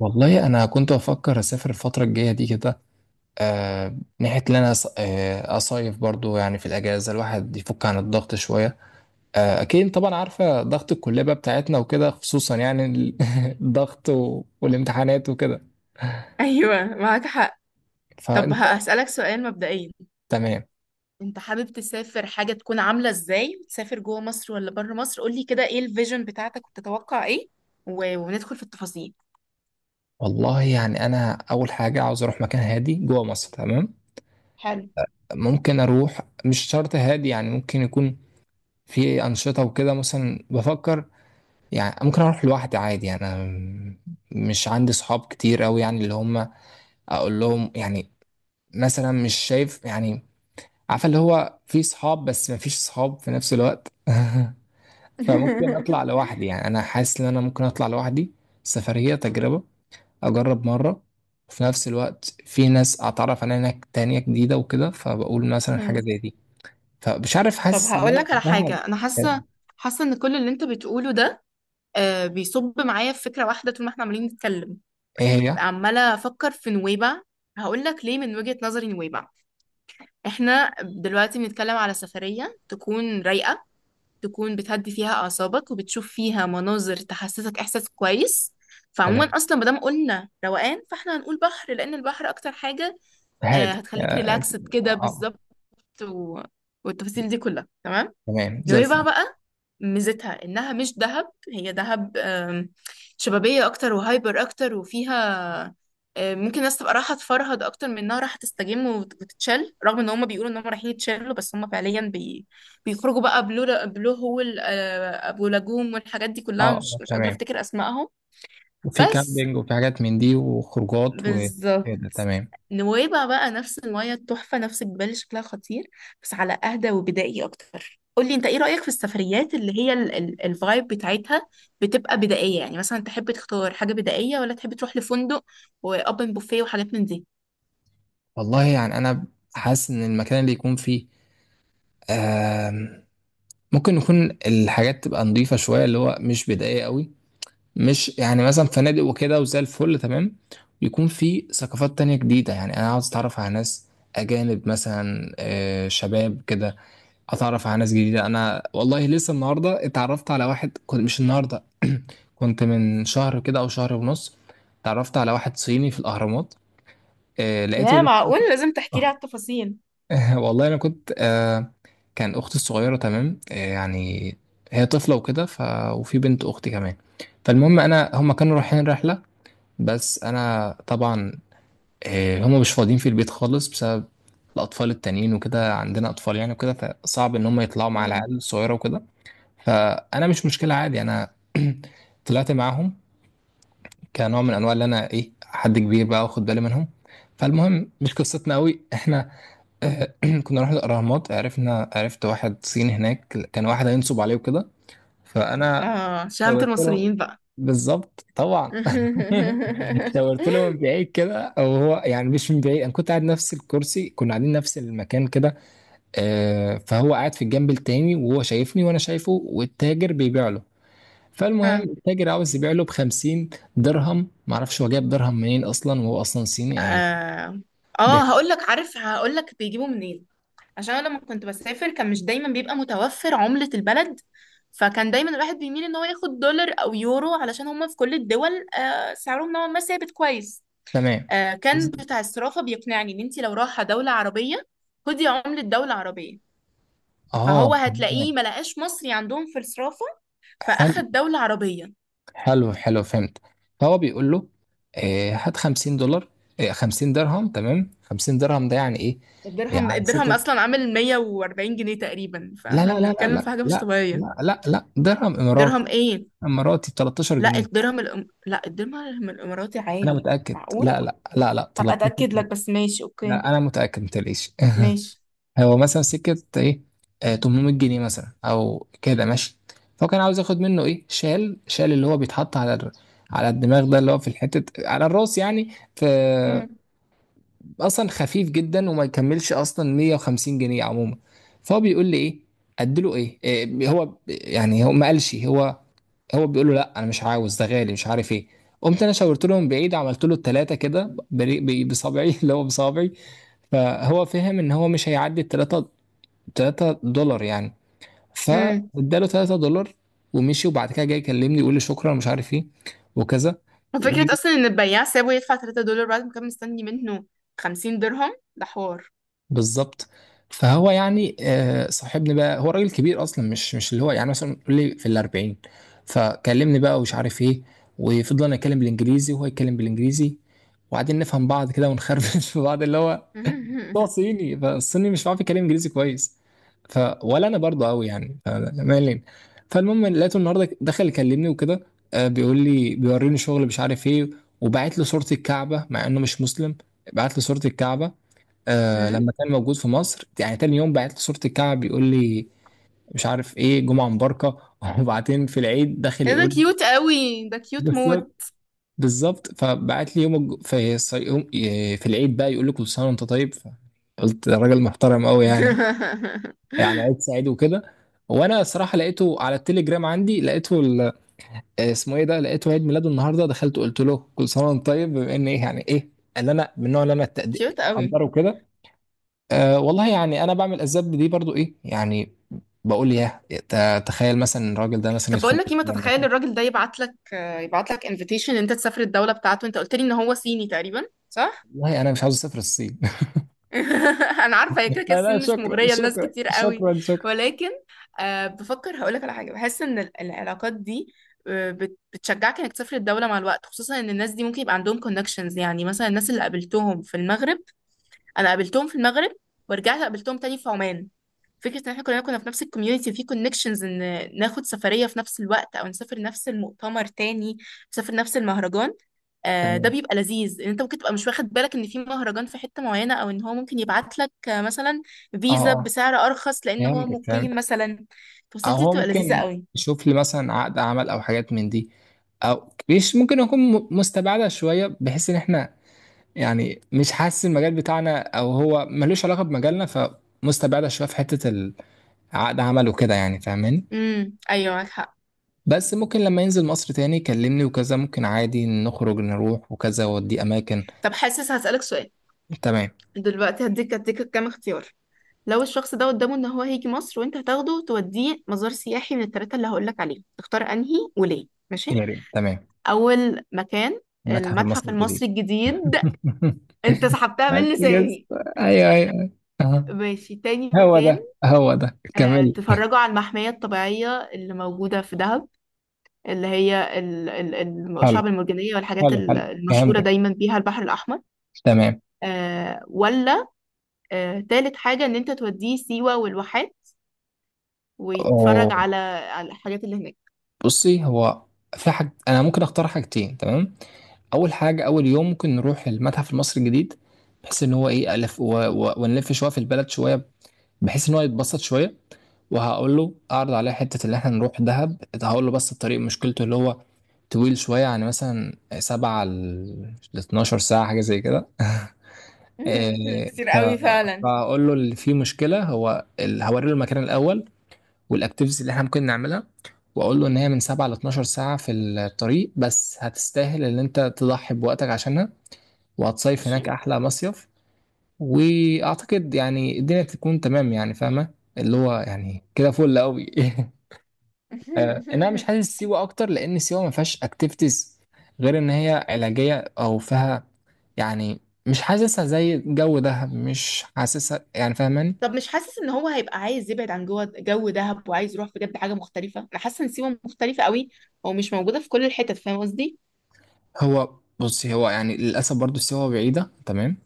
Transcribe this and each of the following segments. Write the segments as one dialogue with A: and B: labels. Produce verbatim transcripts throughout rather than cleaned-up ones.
A: والله انا كنت بفكر اسافر الفتره الجايه دي كده. آه، ناحيه ان انا أص- آه، اصيف برضو، يعني في الاجازه الواحد يفك عن الضغط شويه. آه اكيد طبعا، عارفه ضغط الكليه بقى بتاعتنا وكده، خصوصا يعني ال- الضغط و- والامتحانات وكده.
B: ايوه معاك حق. طب
A: فانت.
B: هسألك سؤال مبدئيا.
A: تمام.
B: انت حابب تسافر حاجة تكون عاملة ازاي؟ تسافر جوه مصر ولا بره مصر؟ قولي كده ايه الفيجن بتاعتك وبتتوقع ايه، و... وندخل في التفاصيل.
A: والله يعني انا اول حاجه عاوز اروح مكان هادي جوه مصر، تمام.
B: حلو.
A: ممكن اروح مش شرط هادي، يعني ممكن يكون في انشطه وكده، مثلا بفكر. يعني ممكن اروح لوحدي عادي، يعني أنا مش عندي صحاب كتير قوي، يعني اللي هم اقول لهم يعني، مثلا مش شايف، يعني عارفه اللي هو في صحاب بس ما فيش صحاب في نفس الوقت. فممكن اطلع لوحدي، يعني انا حاسس ان انا ممكن اطلع لوحدي، سفريه تجربه، اجرب مره. وفي نفس الوقت في ناس اتعرف عليها هناك تانية جديدة وكده، فبقول مثلا حاجة
B: مم.
A: زي دي. فمش عارف،
B: طب
A: حاسس ان
B: هقول لك
A: انا
B: على
A: فاهم.
B: حاجة أنا حاسة. حاسة إن كل اللي أنت بتقوله ده آه بيصب معايا في فكرة واحدة طول ما إحنا عمالين نتكلم.
A: ايه هي.
B: عمالة أفكر في نويبع. هقول لك ليه من وجهة نظري نويبع. إحنا دلوقتي بنتكلم على سفرية تكون رايقة، تكون بتهدي فيها أعصابك وبتشوف فيها مناظر تحسسك إحساس كويس. فعموما
A: تمام،
B: أصلا مادام قلنا روقان فاحنا هنقول بحر، لأن البحر أكتر حاجة آه،
A: هادي.
B: هتخليك
A: آه.
B: ريلاكسد كده
A: آه،
B: بالظبط. و... والتفاصيل دي كلها تمام.
A: تمام زي
B: نويبع
A: الفل.
B: بقى ميزتها انها مش دهب. هي دهب آم، شبابية اكتر وهايبر اكتر، وفيها آم، ممكن الناس تبقى رايحة تفرهد اكتر من انها رايحة تستجم وت- وتتشل، رغم ان هم بيقولوا ان هم رايحين يتشلوا بس هم فعليا بي... بيخرجوا بقى بلو بلو هول، آه، ابو لاجوم والحاجات دي
A: اه.
B: كلها. مش
A: آه،
B: مش قادرة
A: تمام.
B: افتكر اسمائهم
A: وفي
B: بس.
A: كامبينج وفي حاجات من دي وخروجات
B: بالظبط.
A: وكده، تمام.
B: نويبع بقى نفس المية التحفة، نفس الجبال اللي شكلها خطير، بس على أهدى وبدائي أكتر. قولي أنت إيه رأيك في السفريات اللي هي ال- ال- الفايب بتاعتها بتبقى بدائية؟ يعني مثلا تحب تختار حاجة بدائية، ولا تحب تروح لفندق وأوبن بوفيه وحاجات من دي؟
A: والله يعني انا حاسس ان المكان اللي يكون فيه، آم، ممكن يكون الحاجات تبقى نظيفة شوية، اللي هو مش بدائية قوي، مش يعني مثلا فنادق وكده، وزي الفل تمام. يكون في ثقافات تانية جديدة، يعني انا عاوز اتعرف على ناس اجانب مثلا، آه، شباب كده. اتعرف على ناس جديدة. انا والله لسه النهاردة اتعرفت على واحد، كنت مش النهاردة، كنت من شهر كده او شهر ونص، اتعرفت على واحد صيني في الاهرامات. آه لقيته
B: يا معقول،
A: لسه.
B: لازم تحكي لي على التفاصيل.
A: والله انا كنت آه كان اختي الصغيره تمام، آه يعني هي طفله وكده، ف... وفي بنت اختي كمان. فالمهم انا هم كانوا رايحين رحله، بس انا طبعا، آه هم مش فاضيين في البيت خالص بسبب الاطفال التانيين وكده، عندنا اطفال يعني وكده، فصعب ان هم يطلعوا مع
B: مم.
A: العيال الصغيره وكده. فانا مش مشكله، عادي، انا طلعت معاهم، كنوع من انواع اللي انا ايه حد كبير بقى واخد بالي منهم. فالمهم مش قصتنا قوي احنا. آه، كنا رحنا الاهرامات، عرفنا عرفت واحد صيني هناك، كان واحد هينصب عليه وكده، فانا
B: آه، شهامة
A: شاورت له.
B: المصريين بقى.
A: بالظبط طبعا. شاورت له من بعيد كده، او هو يعني مش من بعيد، انا كنت قاعد نفس الكرسي، كنا قاعدين نفس المكان كده. آه، فهو قاعد في الجنب التاني، وهو شايفني وانا شايفه، والتاجر بيبيع له. فالمهم
B: اه،
A: التاجر عاوز يبيع له ب خمسين درهم، معرفش هو جايب درهم منين اصلا، وهو اصلا صيني يعني.
B: اه. آه
A: بيع-
B: هقول لك، عارف هقول لك بيجيبوا منين. عشان أنا لما كنت بسافر كان مش دايما بيبقى متوفر عملة البلد، فكان دايما الواحد بيميل ان هو ياخد دولار او يورو علشان هما في كل الدول آه، سعرهم نوعا ما ثابت كويس.
A: تمام.
B: آه، كان بتاع الصرافة بيقنعني ان انت لو رايحة دولة عربية خدي عملة دولة عربية،
A: اه،
B: فهو
A: تمام.
B: هتلاقيه ما لقاش مصري عندهم في الصرافة
A: حلو
B: فاخد دولة عربية.
A: حلو حلو، فهمت. فهو بيقول له، آه، هات خمسين دولار، آه، خمسين درهم، تمام. خمسين درهم ده يعني ايه؟ يعني
B: الدرهم الدرهم
A: ستة.
B: اصلا عامل مية وأربعين جنيه تقريبا،
A: لا لا
B: فاحنا
A: لا لا
B: بنتكلم في
A: لا
B: حاجة مش
A: لا
B: طبيعية.
A: لا لا لا، درهم اماراتي.
B: درهم ايه؟
A: اماراتي ب 13
B: لا
A: جنيه
B: الدرهم الأم... لا الدرهم الاماراتي
A: انا
B: عالي.
A: متأكد،
B: معقول؟
A: لا لا لا لا،
B: هبقى
A: 13
B: اتاكد لك،
A: جنيه
B: بس ماشي اوكي.
A: لا انا متأكد ما تقلقيش.
B: ماشي.
A: هو مثلا سكة ايه، آه تمن ميت جنيه مثلا او كده، ماشي. فهو كان عاوز ياخد منه ايه، شال، شال اللي هو بيتحط على ال... على الدماغ ده، اللي هو في الحتة على الراس يعني. ف
B: امم.
A: اصلا خفيف جدا وما يكملش اصلا مية وخمسين جنيه عموما. فهو بيقول لي ايه، اديله ايه؟ آه هو يعني، هو ما قالش، هو هو بيقول له لا انا مش عاوز ده غالي، مش عارف ايه. قمت انا شاورت له من بعيد، عملت له التلاتة كده بري- ب- بصابعي، اللي هو بصابعي. فهو فهم ان هو مش هيعدي التلاتة، ثلاثة دولار يعني.
B: امم.
A: فاداله ثلاثة دولار ومشي. وبعد كده جاي يكلمني يقول لي شكرا، مش عارف ايه وكذا. و-
B: وفكرة أصلا إن البياع سابه يدفع ثلاثة دولار بعد ما كان مستني منه خمسين درهم، ده حوار.
A: بالظبط. فهو يعني، آه، صاحبني بقى. هو راجل كبير اصلا، مش مش اللي هو يعني مثلا، يقول لي في الاربعين. فكلمني بقى ومش عارف ايه، وفضلنا نتكلم بالانجليزي، وهو يتكلم بالانجليزي، وبعدين نفهم بعض كده، ونخربش في بعض، اللي هو، هو
B: امم.
A: صيني، فالصيني مش عارف يتكلم انجليزي كويس. ف ولا انا برضه قوي يعني، فمالين. فالمهم لقيته النهارده دخل يكلمني وكده. آه، بيقول لي بيوريني شغل، مش عارف ايه. وبعت له صورة الكعبة مع انه مش مسلم، بعت له صورة الكعبة. آه لما كان موجود في مصر يعني، تاني يوم بعت له صورة الكعبة بيقول لي مش عارف ايه، جمعة مباركة. وبعدين في العيد داخل
B: إيه ده،
A: يقول.
B: كيوت قوي، ده كيوت موت.
A: بالظبط، بالظبط. فبعت لي يوم الج- في الص- يوم- في العيد بقى يقول لي كل سنة وانت طيب. قلت ده راجل محترم قوي يعني، يعني عيد سعيد وكده. وانا صراحه لقيته على التليجرام عندي، لقيته ال- آه، اسمه ايه ده، لقيته عيد ميلاده النهارده، دخلت قلت له كل سنه وانت طيب، بما ان ايه يعني، ايه اللي انا، من النوع اللي انا التقدير
B: كيوت قوي.
A: اقدره كده. أه والله يعني انا بعمل اسباب دي برضو، ايه يعني، بقول يا ت- تخيل مثلا الراجل ده مثلا
B: طب
A: يدخل
B: بقول لك ايه، ما
A: الاسلام
B: تتخيل
A: مثلا.
B: الراجل ده يبعت لك، يبعت لك انفيتيشن ان انت تسافر الدولة بتاعته. انت قلت لي ان هو صيني تقريبا، صح؟
A: والله انا مش عاوز اسافر الصين.
B: انا عارفه، هي كده كده
A: لا لا،
B: الصين مش
A: شكرا
B: مغريه لناس
A: شكرا
B: كتير قوي.
A: شكرا شكرا.
B: ولكن آه بفكر هقولك على حاجه. بحس ان ال- العلاقات دي، آه، بت- بتشجعك انك تسافر الدوله مع الوقت، خصوصا ان الناس دي ممكن يبقى عندهم كونكشنز. يعني مثلا الناس اللي قابلتهم في المغرب، انا قابلتهم في المغرب ورجعت قابلتهم تاني في عمان. فكرة ان احنا كلنا كنا في نفس الكوميونتي في كونكشنز، ان ناخد سفرية في نفس الوقت او نسافر نفس المؤتمر تاني، نسافر نفس المهرجان، آه، ده
A: تمام.
B: بيبقى لذيذ. ان انت ممكن تبقى مش واخد بالك ان في مهرجان في حتة معينة، او ان هو ممكن يبعت لك آه، مثلا
A: اه
B: فيزا
A: اه،
B: بسعر ارخص لان هو
A: فهمتك،
B: مقيم
A: فهمت.
B: مثلا. التفاصيل
A: او
B: دي
A: هو
B: بتبقى لذيذة
A: ممكن
B: قوي.
A: يشوف لي مثلا عقد عمل او حاجات من دي، او مش ممكن، يكون م- مستبعده شويه، بحيث ان احنا، يعني مش حاسس المجال بتاعنا، او هو ملوش علاقه بمجالنا، فمستبعده شويه في حته ال- عقد عمل وكده، يعني فاهماني.
B: امم. ايوه معاك حق.
A: بس ممكن لما ينزل مصر تاني يكلمني وكذا، ممكن عادي نخرج نروح وكذا، ودي اماكن.
B: طب حاسس هسألك سؤال.
A: تمام.
B: دلوقتي هديك هديك كام اختيار. لو الشخص ده قدامه ان هو هيجي مصر وانت هتاخده توديه مزار سياحي، من الثلاثة اللي هقولك عليهم تختار انهي وليه؟ ماشي.
A: يا ريت، تمام.
B: اول مكان،
A: المتحف
B: المتحف
A: المصري الجديد.
B: المصري الجديد. انت سحبتها
A: بس
B: من
A: كده.
B: لساني.
A: ايوه ايوه. أها.
B: ماشي، تاني
A: هو
B: مكان،
A: ده، هو ده،
B: آه،
A: كمل.
B: تتفرجوا على المحمية الطبيعية اللي موجودة في دهب، اللي هي ال- ال- ال- الشعب المرجانية والحاجات
A: حلو
B: ال-
A: حلو،
B: المشهورة
A: فهمتك،
B: دايما بيها البحر الأحمر.
A: تمام.
B: آه، ولا آه، تالت حاجة، إن أنت توديه سيوة والواحات ويتفرج
A: أو-
B: على على الحاجات اللي هناك.
A: بصي هو، في حاج انا ممكن اختار حاجتين، تمام. اول حاجه، اول يوم ممكن نروح المتحف المصري الجديد، بحيث ان هو ايه الف، و... و... ونلف شويه في البلد شويه، بحيث ان هو يتبسط شويه. وهقول له اعرض عليه حته اللي احنا نروح دهب، هقول له بس الطريق مشكلته اللي هو طويل شويه، يعني مثلا سبع ل اثنا عشر ساعه حاجه زي كده. إيه،
B: كتير
A: ف-
B: قوي فعلا.
A: فهقول له اللي فيه مشكله هو ال- هوري له المكان الاول والاكتيفيتيز اللي احنا ممكن نعملها، واقول له ان هي من سبعة ل اثنا عشر ساعه في الطريق، بس هتستاهل ان انت تضحي بوقتك عشانها، وهتصيف
B: ماشي.
A: هناك احلى مصيف. واعتقد يعني الدنيا تكون تمام، يعني فاهمه، اللي هو يعني كده فل قوي. آه، إن انا مش حاسس سيوه اكتر، لان سيوه ما فيهاش اكتيفيتيز غير ان هي علاجيه او فيها يعني، مش حاسسها زي جو دهب، مش حاسسها، يعني فاهماني.
B: طب مش حاسس ان هو هيبقى عايز يبعد عن جوه جو دهب، وعايز يروح بجد حاجه مختلفه؟ انا حاسه ان سيوه مختلفه قوي ومش موجوده في كل الحتت، فاهم قصدي؟
A: هو بصي هو، يعني للاسف برضو سيوه بعيده، تمام.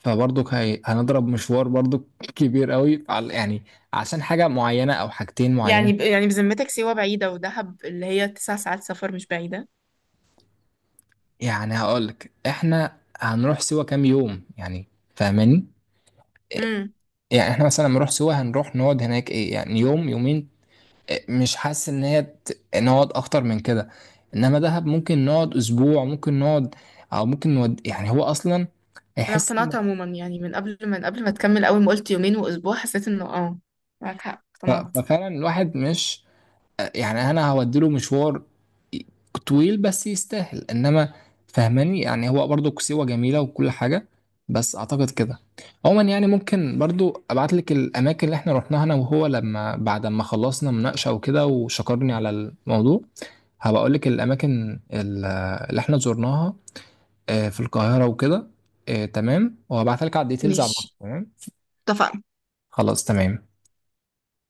A: فبرضك هي... هنضرب مشوار برضك كبير قوي على، يعني عشان حاجة معينة أو حاجتين معينين.
B: يعني ب... يعني بذمتك سيوه بعيده، ودهب اللي هي تسع ساعات سفر مش بعيده؟
A: يعني هقولك، إحنا هنروح سوا كام يوم يعني، فاهماني؟
B: امم.
A: يعني إحنا مثلا لما نروح سوا هنروح نقعد هناك، إيه يعني يوم، يومين. إيه، مش حاسس إن هي ت- نقعد أكتر من كده. إنما دهب ممكن نقعد أسبوع، ممكن نقعد أو ممكن نود. يعني هو أصلا
B: انا
A: هيحس
B: اقتنعت
A: إن-
B: عموما يعني، من قبل ما من قبل ما تكمل، اول ما قلت يومين واسبوع حسيت انه اه معاك حق،
A: ف-
B: اقتنعت.
A: ففعلا الواحد مش، يعني انا هوديله مشوار طويل بس يستاهل، انما فهماني يعني. هو برضو كسيوة جميلة وكل حاجة، بس اعتقد كده عموما. يعني ممكن برضو ابعت لك الاماكن اللي احنا رحناها انا وهو، لما بعد ما خلصنا مناقشة وكده وشكرني على الموضوع، هبقى اقول لك الاماكن ال- اللي احنا زرناها، آه، في القاهرة وكده. آه، تمام، وهبعتها لك على الديتيلز على الواتس،
B: ماشي،
A: تمام.
B: اتفقنا.
A: خلاص تمام.